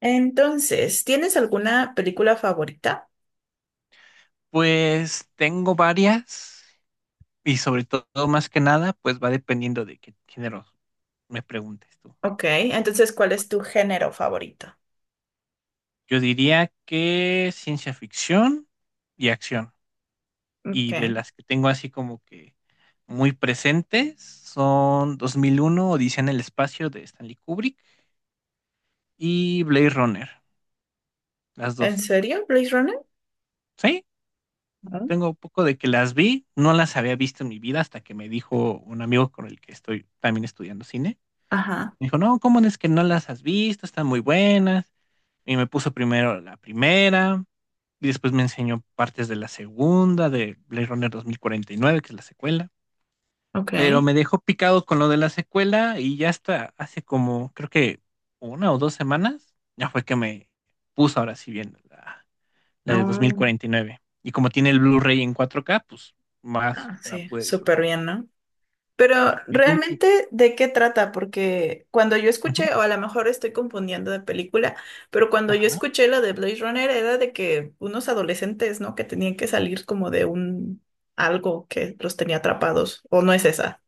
Entonces, ¿tienes alguna película favorita? Pues tengo varias y sobre todo más que nada, pues va dependiendo de qué género me preguntes tú. Ok, entonces, ¿cuál es tu género favorito? Yo diría que ciencia ficción y acción. Y de Ok. las que tengo así como que muy presentes son 2001, Odisea en el espacio de Stanley Kubrick y Blade Runner, las ¿En dos. serio, Blade Runner? Sí, Mm. tengo un poco de que las vi, no las había visto en mi vida hasta que me dijo un amigo con el que estoy también estudiando cine. Ajá, Me dijo, no, ¿cómo es que no las has visto? Están muy buenas. Y me puso primero la primera, y después me enseñó partes de la segunda, de Blade Runner 2049, que es la secuela. Pero ok. me dejó picado con lo de la secuela y ya hasta hace como, creo que una o dos semanas, ya fue que me puso ahora sí viendo la de Mm. 2049. Y nueve. Y como tiene el Blu-ray en 4K, pues más Ah, la sí, pude súper disfrutar. bien, ¿no? Pero ¿Y tú? Realmente, ¿de qué trata? Porque cuando yo Ujú. escuché, o a lo mejor estoy confundiendo de película, pero cuando yo Ajá. escuché la de Blade Runner era de que unos adolescentes, ¿no? Que tenían que salir como de un algo que los tenía atrapados, ¿o no es esa?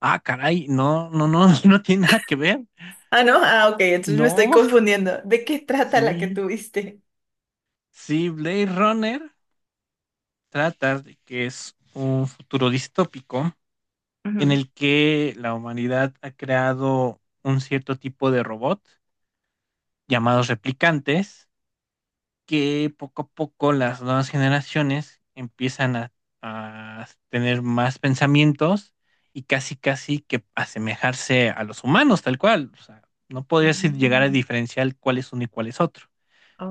Ah, caray, no, no, no, no tiene nada que ver. Ah, no, ah, ok, entonces me estoy No, confundiendo. ¿De qué trata la que sí, tuviste? sí, Blade Runner trata de que es un futuro distópico en Ujú. el que la humanidad ha creado un cierto tipo de robot llamados replicantes que poco a poco las nuevas generaciones empiezan a tener más pensamientos y casi casi que asemejarse a los humanos tal cual. O sea, no podrías llegar a Mm. diferenciar cuál es uno y cuál es otro.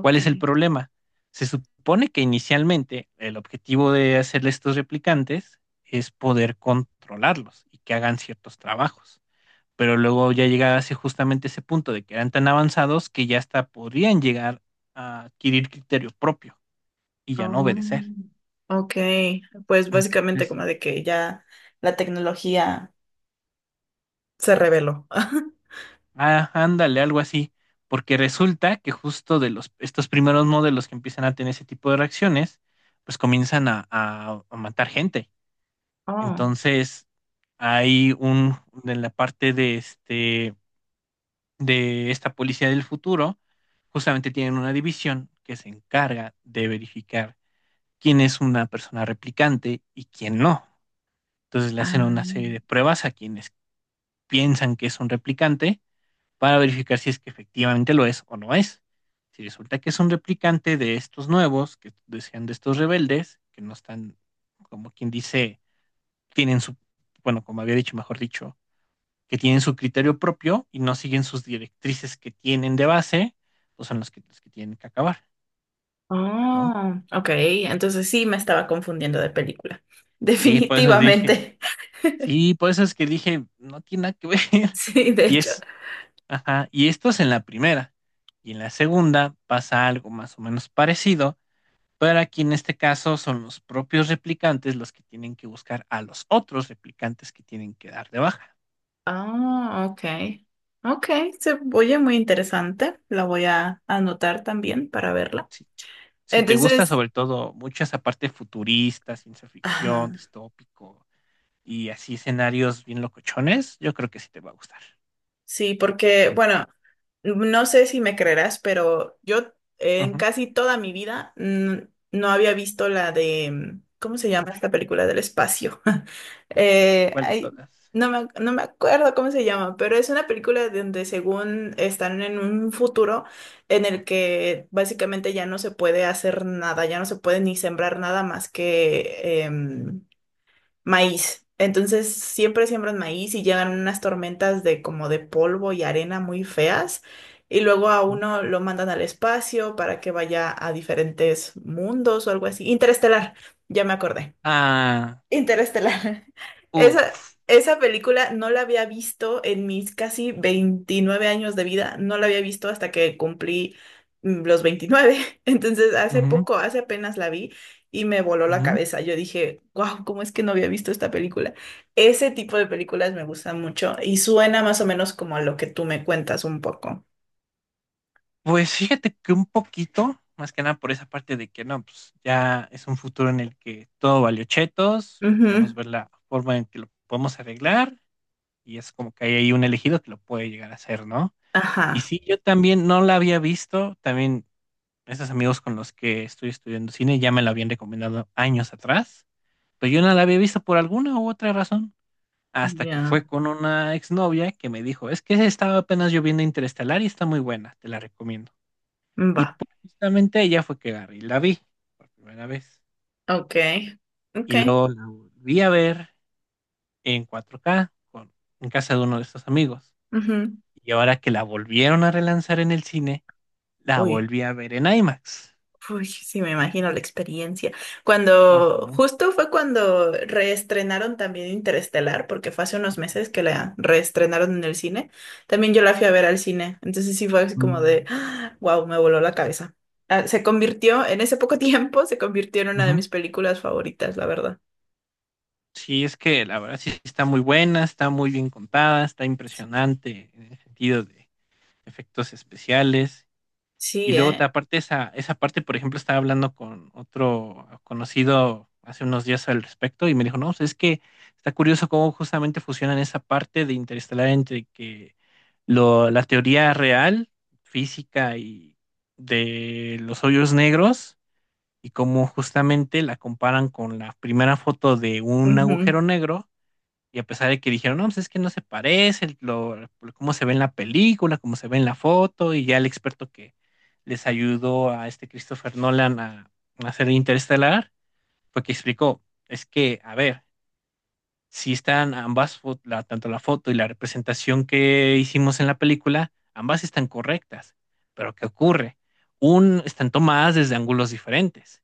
¿Cuál es el problema? Se supone que inicialmente el objetivo de hacerle estos replicantes es poder controlarlos y que hagan ciertos trabajos. Pero luego ya llegase justamente ese punto de que eran tan avanzados que ya hasta podrían llegar a adquirir criterio propio y ya no Oh, obedecer. ok. Pues básicamente Entonces, como de que ya la tecnología se reveló. ah, ándale, algo así. Porque resulta que justo de los, estos primeros modelos que empiezan a tener ese tipo de reacciones, pues comienzan a matar gente. Oh. Entonces, hay en la parte de de esta policía del futuro, justamente tienen una división que se encarga de verificar quién es una persona replicante y quién no. Entonces le hacen Ah. una serie de pruebas a quienes piensan que es un replicante para verificar si es que efectivamente lo es o no es. Si resulta que es un replicante de estos nuevos, que decían de estos rebeldes, que no están, como quien dice, tienen su, bueno, como había dicho, mejor dicho, que tienen su criterio propio y no siguen sus directrices que tienen de base, pues son los que tienen que acabar, ¿no? Oh, ok. Entonces sí me estaba confundiendo de película. Sí, por eso dije, Definitivamente. sí, por eso es que dije, no tiene nada que ver. Sí, de Y hecho. es, ajá, y esto es en la primera. Y en la segunda pasa algo más o menos parecido, pero aquí en este caso son los propios replicantes los que tienen que buscar a los otros replicantes que tienen que dar de baja. Ah, ok. Ok, se oye muy interesante. La voy a anotar también para verla. Si, si te gusta Entonces, sobre todo mucho esa parte futurista, ciencia ficción, ajá, distópico, y así escenarios bien locochones, yo creo que sí te va a gustar. sí, porque, bueno, no sé si me creerás, pero yo en Ujú. casi toda mi vida, no había visto la de, ¿cómo se llama esta película del espacio? Eh, ¿Cuál de ay, todas? No me acuerdo cómo se llama, pero es una película donde según están en un futuro en el que básicamente ya no se puede hacer nada, ya no se puede ni sembrar nada más que... em, maíz. Entonces siempre siembran maíz y llegan unas tormentas de como de polvo y arena muy feas. Y luego a Ujú. uno lo mandan al espacio para que vaya a diferentes mundos o algo así. Interestelar, ya me acordé. Ah, Interestelar. Esa, uff. esa película no la había visto en mis casi 29 años de vida, no la había visto hasta que cumplí, los 29. Entonces, hace Ujú, poco, hace apenas la vi y me voló la ujú. cabeza. Yo dije, wow, ¿cómo es que no había visto esta película? Ese tipo de películas me gustan mucho y suena más o menos como a lo que tú me cuentas un poco. Pues fíjate que un poquito, más que nada por esa parte de que no, pues ya es un futuro en el que todo valió chetos, digamos Ujú. ver la forma en que lo podemos arreglar y es como que hay ahí un elegido que lo puede llegar a hacer, ¿no? Y Ajá. sí, yo también no la había visto, también esos amigos con los que estoy estudiando cine ya me la habían recomendado años atrás. Pero yo no la había visto por alguna u otra razón, hasta que Ya. fue con una exnovia que me dijo, es que estaba apenas yo viendo Interestelar y está muy buena, te la recomiendo. Va. Y pues, justamente ella fue que agarré y la vi por primera vez. Ok, ok. Y luego la volví a ver en 4K en casa de uno de estos amigos. Ujú. Y ahora que la volvieron a relanzar en el cine, la Uy. volví a ver en IMAX. Uy, sí, me imagino la experiencia. Cuando, Ajá. justo fue cuando reestrenaron también Interestelar, porque fue hace unos meses que la reestrenaron en el cine. También yo la fui a ver al cine. Entonces sí fue así como de, Mm. wow, me voló la cabeza. Ah, se convirtió, en ese poco tiempo, se convirtió en una de Ujú. mis películas favoritas, la verdad. Sí, es que la verdad sí está muy buena, está muy bien contada, está Sí, impresionante en el sentido de efectos especiales. Y sí, luego aparte esa parte, por ejemplo, estaba hablando con otro conocido hace unos días al respecto y me dijo, no, o sea, es que está curioso cómo justamente fusionan esa parte de Interestelar entre que la teoría real, física y de los hoyos negros, y cómo justamente la comparan con la primera foto de un ujú. agujero negro. Y a pesar de que dijeron, no, pues es que no se parece, cómo se ve en la película, cómo se ve en la foto, y ya el experto que les ayudó a este Christopher Nolan a hacer Interestelar, fue que explicó, es que, a ver, si están ambas, tanto la foto y la representación que hicimos en la película, ambas están correctas, pero ¿qué ocurre? Están tomadas desde ángulos diferentes.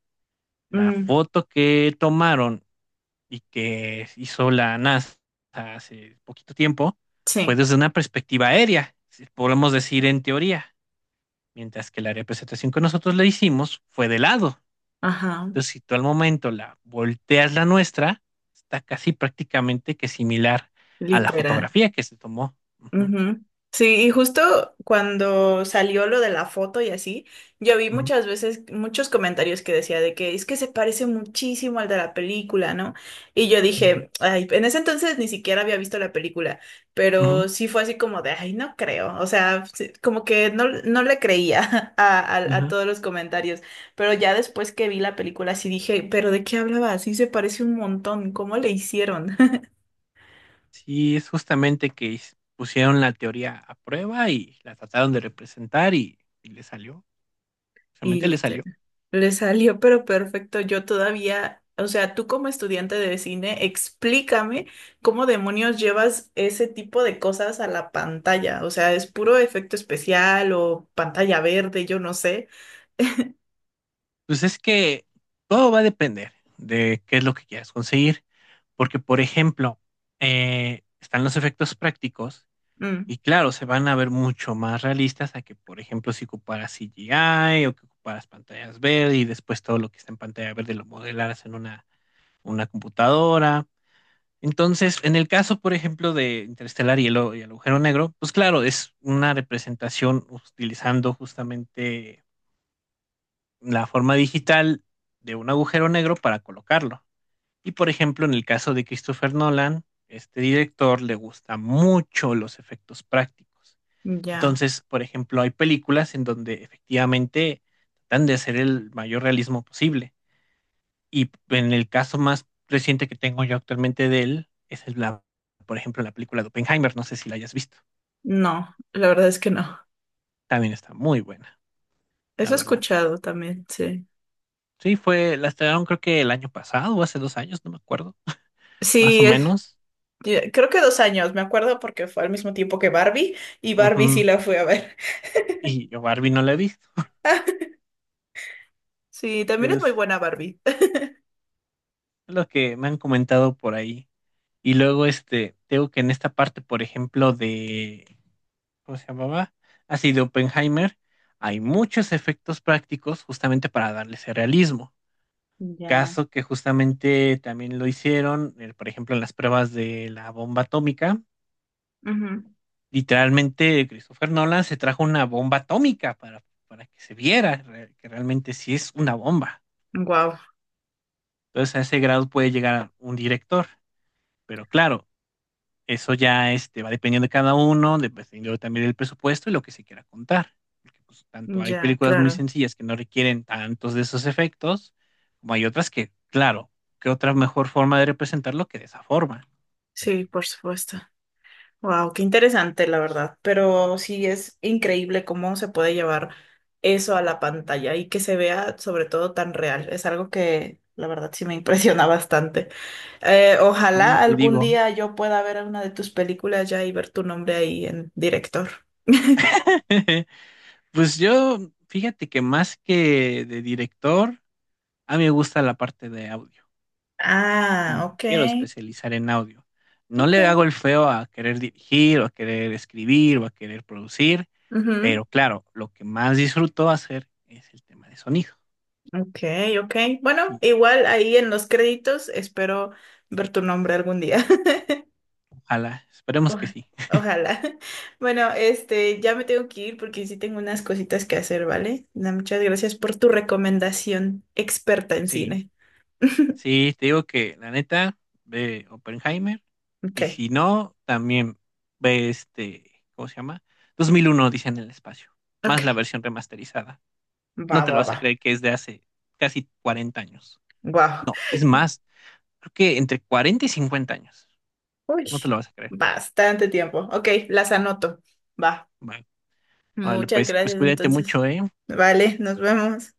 La Mm, foto que tomaron y que hizo la NASA hace poquito tiempo fue sí, desde una perspectiva aérea, si podemos decir en teoría, mientras que la representación que nosotros le hicimos fue de lado. ajá, Entonces, si tú al momento la volteas la nuestra, está casi prácticamente que similar a la literal. fotografía que se tomó. Ujú, Ujú. Sí, y justo cuando salió lo de la foto y así, yo vi ujú, muchas veces muchos comentarios que decía de que es que se parece muchísimo al de la película, ¿no? Y yo ujú, dije, ay, en ese entonces ni siquiera había visto la película, ujú, pero sí fue así como de, ay, no creo, o sea, sí, como que no, no le creía a ujú. todos los comentarios, pero ya después que vi la película sí dije, pero ¿de qué hablaba? Sí se parece un montón, ¿cómo le hicieron? Sí, es justamente que pusieron la teoría a prueba y la trataron de representar y le salió, Y realmente le literal. salió. Le salió pero perfecto. Yo todavía, o sea, tú como estudiante de cine, explícame cómo demonios llevas ese tipo de cosas a la pantalla. O sea, es puro efecto especial o pantalla verde, yo no sé. Pues es que todo va a depender de qué es lo que quieras conseguir, porque por ejemplo, están los efectos prácticos Mm, y claro, se van a ver mucho más realistas a que, por ejemplo, si ocuparas CGI o que ocuparas pantallas verdes y después todo lo que está en pantalla verde lo modelaras en una computadora. Entonces, en el caso, por ejemplo, de Interestelar y el agujero negro, pues claro, es una representación utilizando justamente la forma digital de un agujero negro para colocarlo. Y por ejemplo, en el caso de Christopher Nolan, este director le gusta mucho los efectos prácticos. ya. Entonces, por ejemplo, hay películas en donde efectivamente tratan de hacer el mayor realismo posible. Y en el caso más reciente que tengo yo actualmente de él, es por ejemplo, la película de Oppenheimer, no sé si la hayas visto. No, la verdad es que no. También está muy buena, la Eso he verdad. escuchado también, sí. Sí, la estrenaron creo que el año pasado o hace 2 años, no me acuerdo, más o Sí, menos. Creo que 2 años, me acuerdo porque fue al mismo tiempo que Barbie y Barbie sí Ujú. la fui a ver. Y yo Barbie no la he visto, Sí, también pero es muy es buena Barbie. lo que me han comentado por ahí. Y luego, tengo que en esta parte, por ejemplo, ¿cómo se llamaba? Así de Oppenheimer, hay muchos efectos prácticos justamente para darle ese realismo. Ya. Caso que justamente también lo hicieron, por ejemplo, en las pruebas de la bomba atómica. Literalmente, Christopher Nolan se trajo una bomba atómica para que se viera que realmente sí es una bomba. Wow. Entonces, a ese grado puede llegar un director, pero claro, eso ya va dependiendo de cada uno, dependiendo también del presupuesto y lo que se quiera contar. Porque pues, tanto hay Ya, películas muy claro. sencillas que no requieren tantos de esos efectos, como hay otras que, claro, ¿qué otra mejor forma de representarlo que de esa forma? Sí, por supuesto. Wow, qué interesante, la verdad. Pero sí es increíble cómo se puede llevar eso a la pantalla y que se vea sobre todo tan real. Es algo que la verdad sí me impresiona bastante. Y Ojalá te algún digo, día yo pueda ver una de tus películas ya y ver tu nombre ahí en director. pues yo, fíjate que más que de director, a mí me gusta la parte de audio. Ah, Y me ok, quiero especializar en audio. No ok. le hago el feo a querer dirigir o a querer escribir o a querer producir, Ujú. pero claro, lo que más disfruto hacer es el tema de sonido. Ok, ok. Bueno, Y igual ahí en los créditos espero ver tu nombre algún día. ojalá, esperemos que Oja- sí. Ojalá. Bueno, este, ya me tengo que ir porque sí tengo unas cositas que hacer, ¿vale? Na, muchas gracias por tu recomendación experta en Sí, cine. sí, te digo que la neta, ve Oppenheimer y Ok, si no, también ve ¿cómo se llama? 2001, dice en el espacio, más la ok. versión remasterizada. Va, No te lo va, vas va. a creer que es de hace casi 40 años. Guau. No, es más, creo que entre 40 y 50 años. Uy, No te lo vas a creer. bastante tiempo. Ok, las anoto. Va. Vale. Órale, Muchas pues gracias cuídate entonces. mucho, ¿eh? Vale, nos vemos.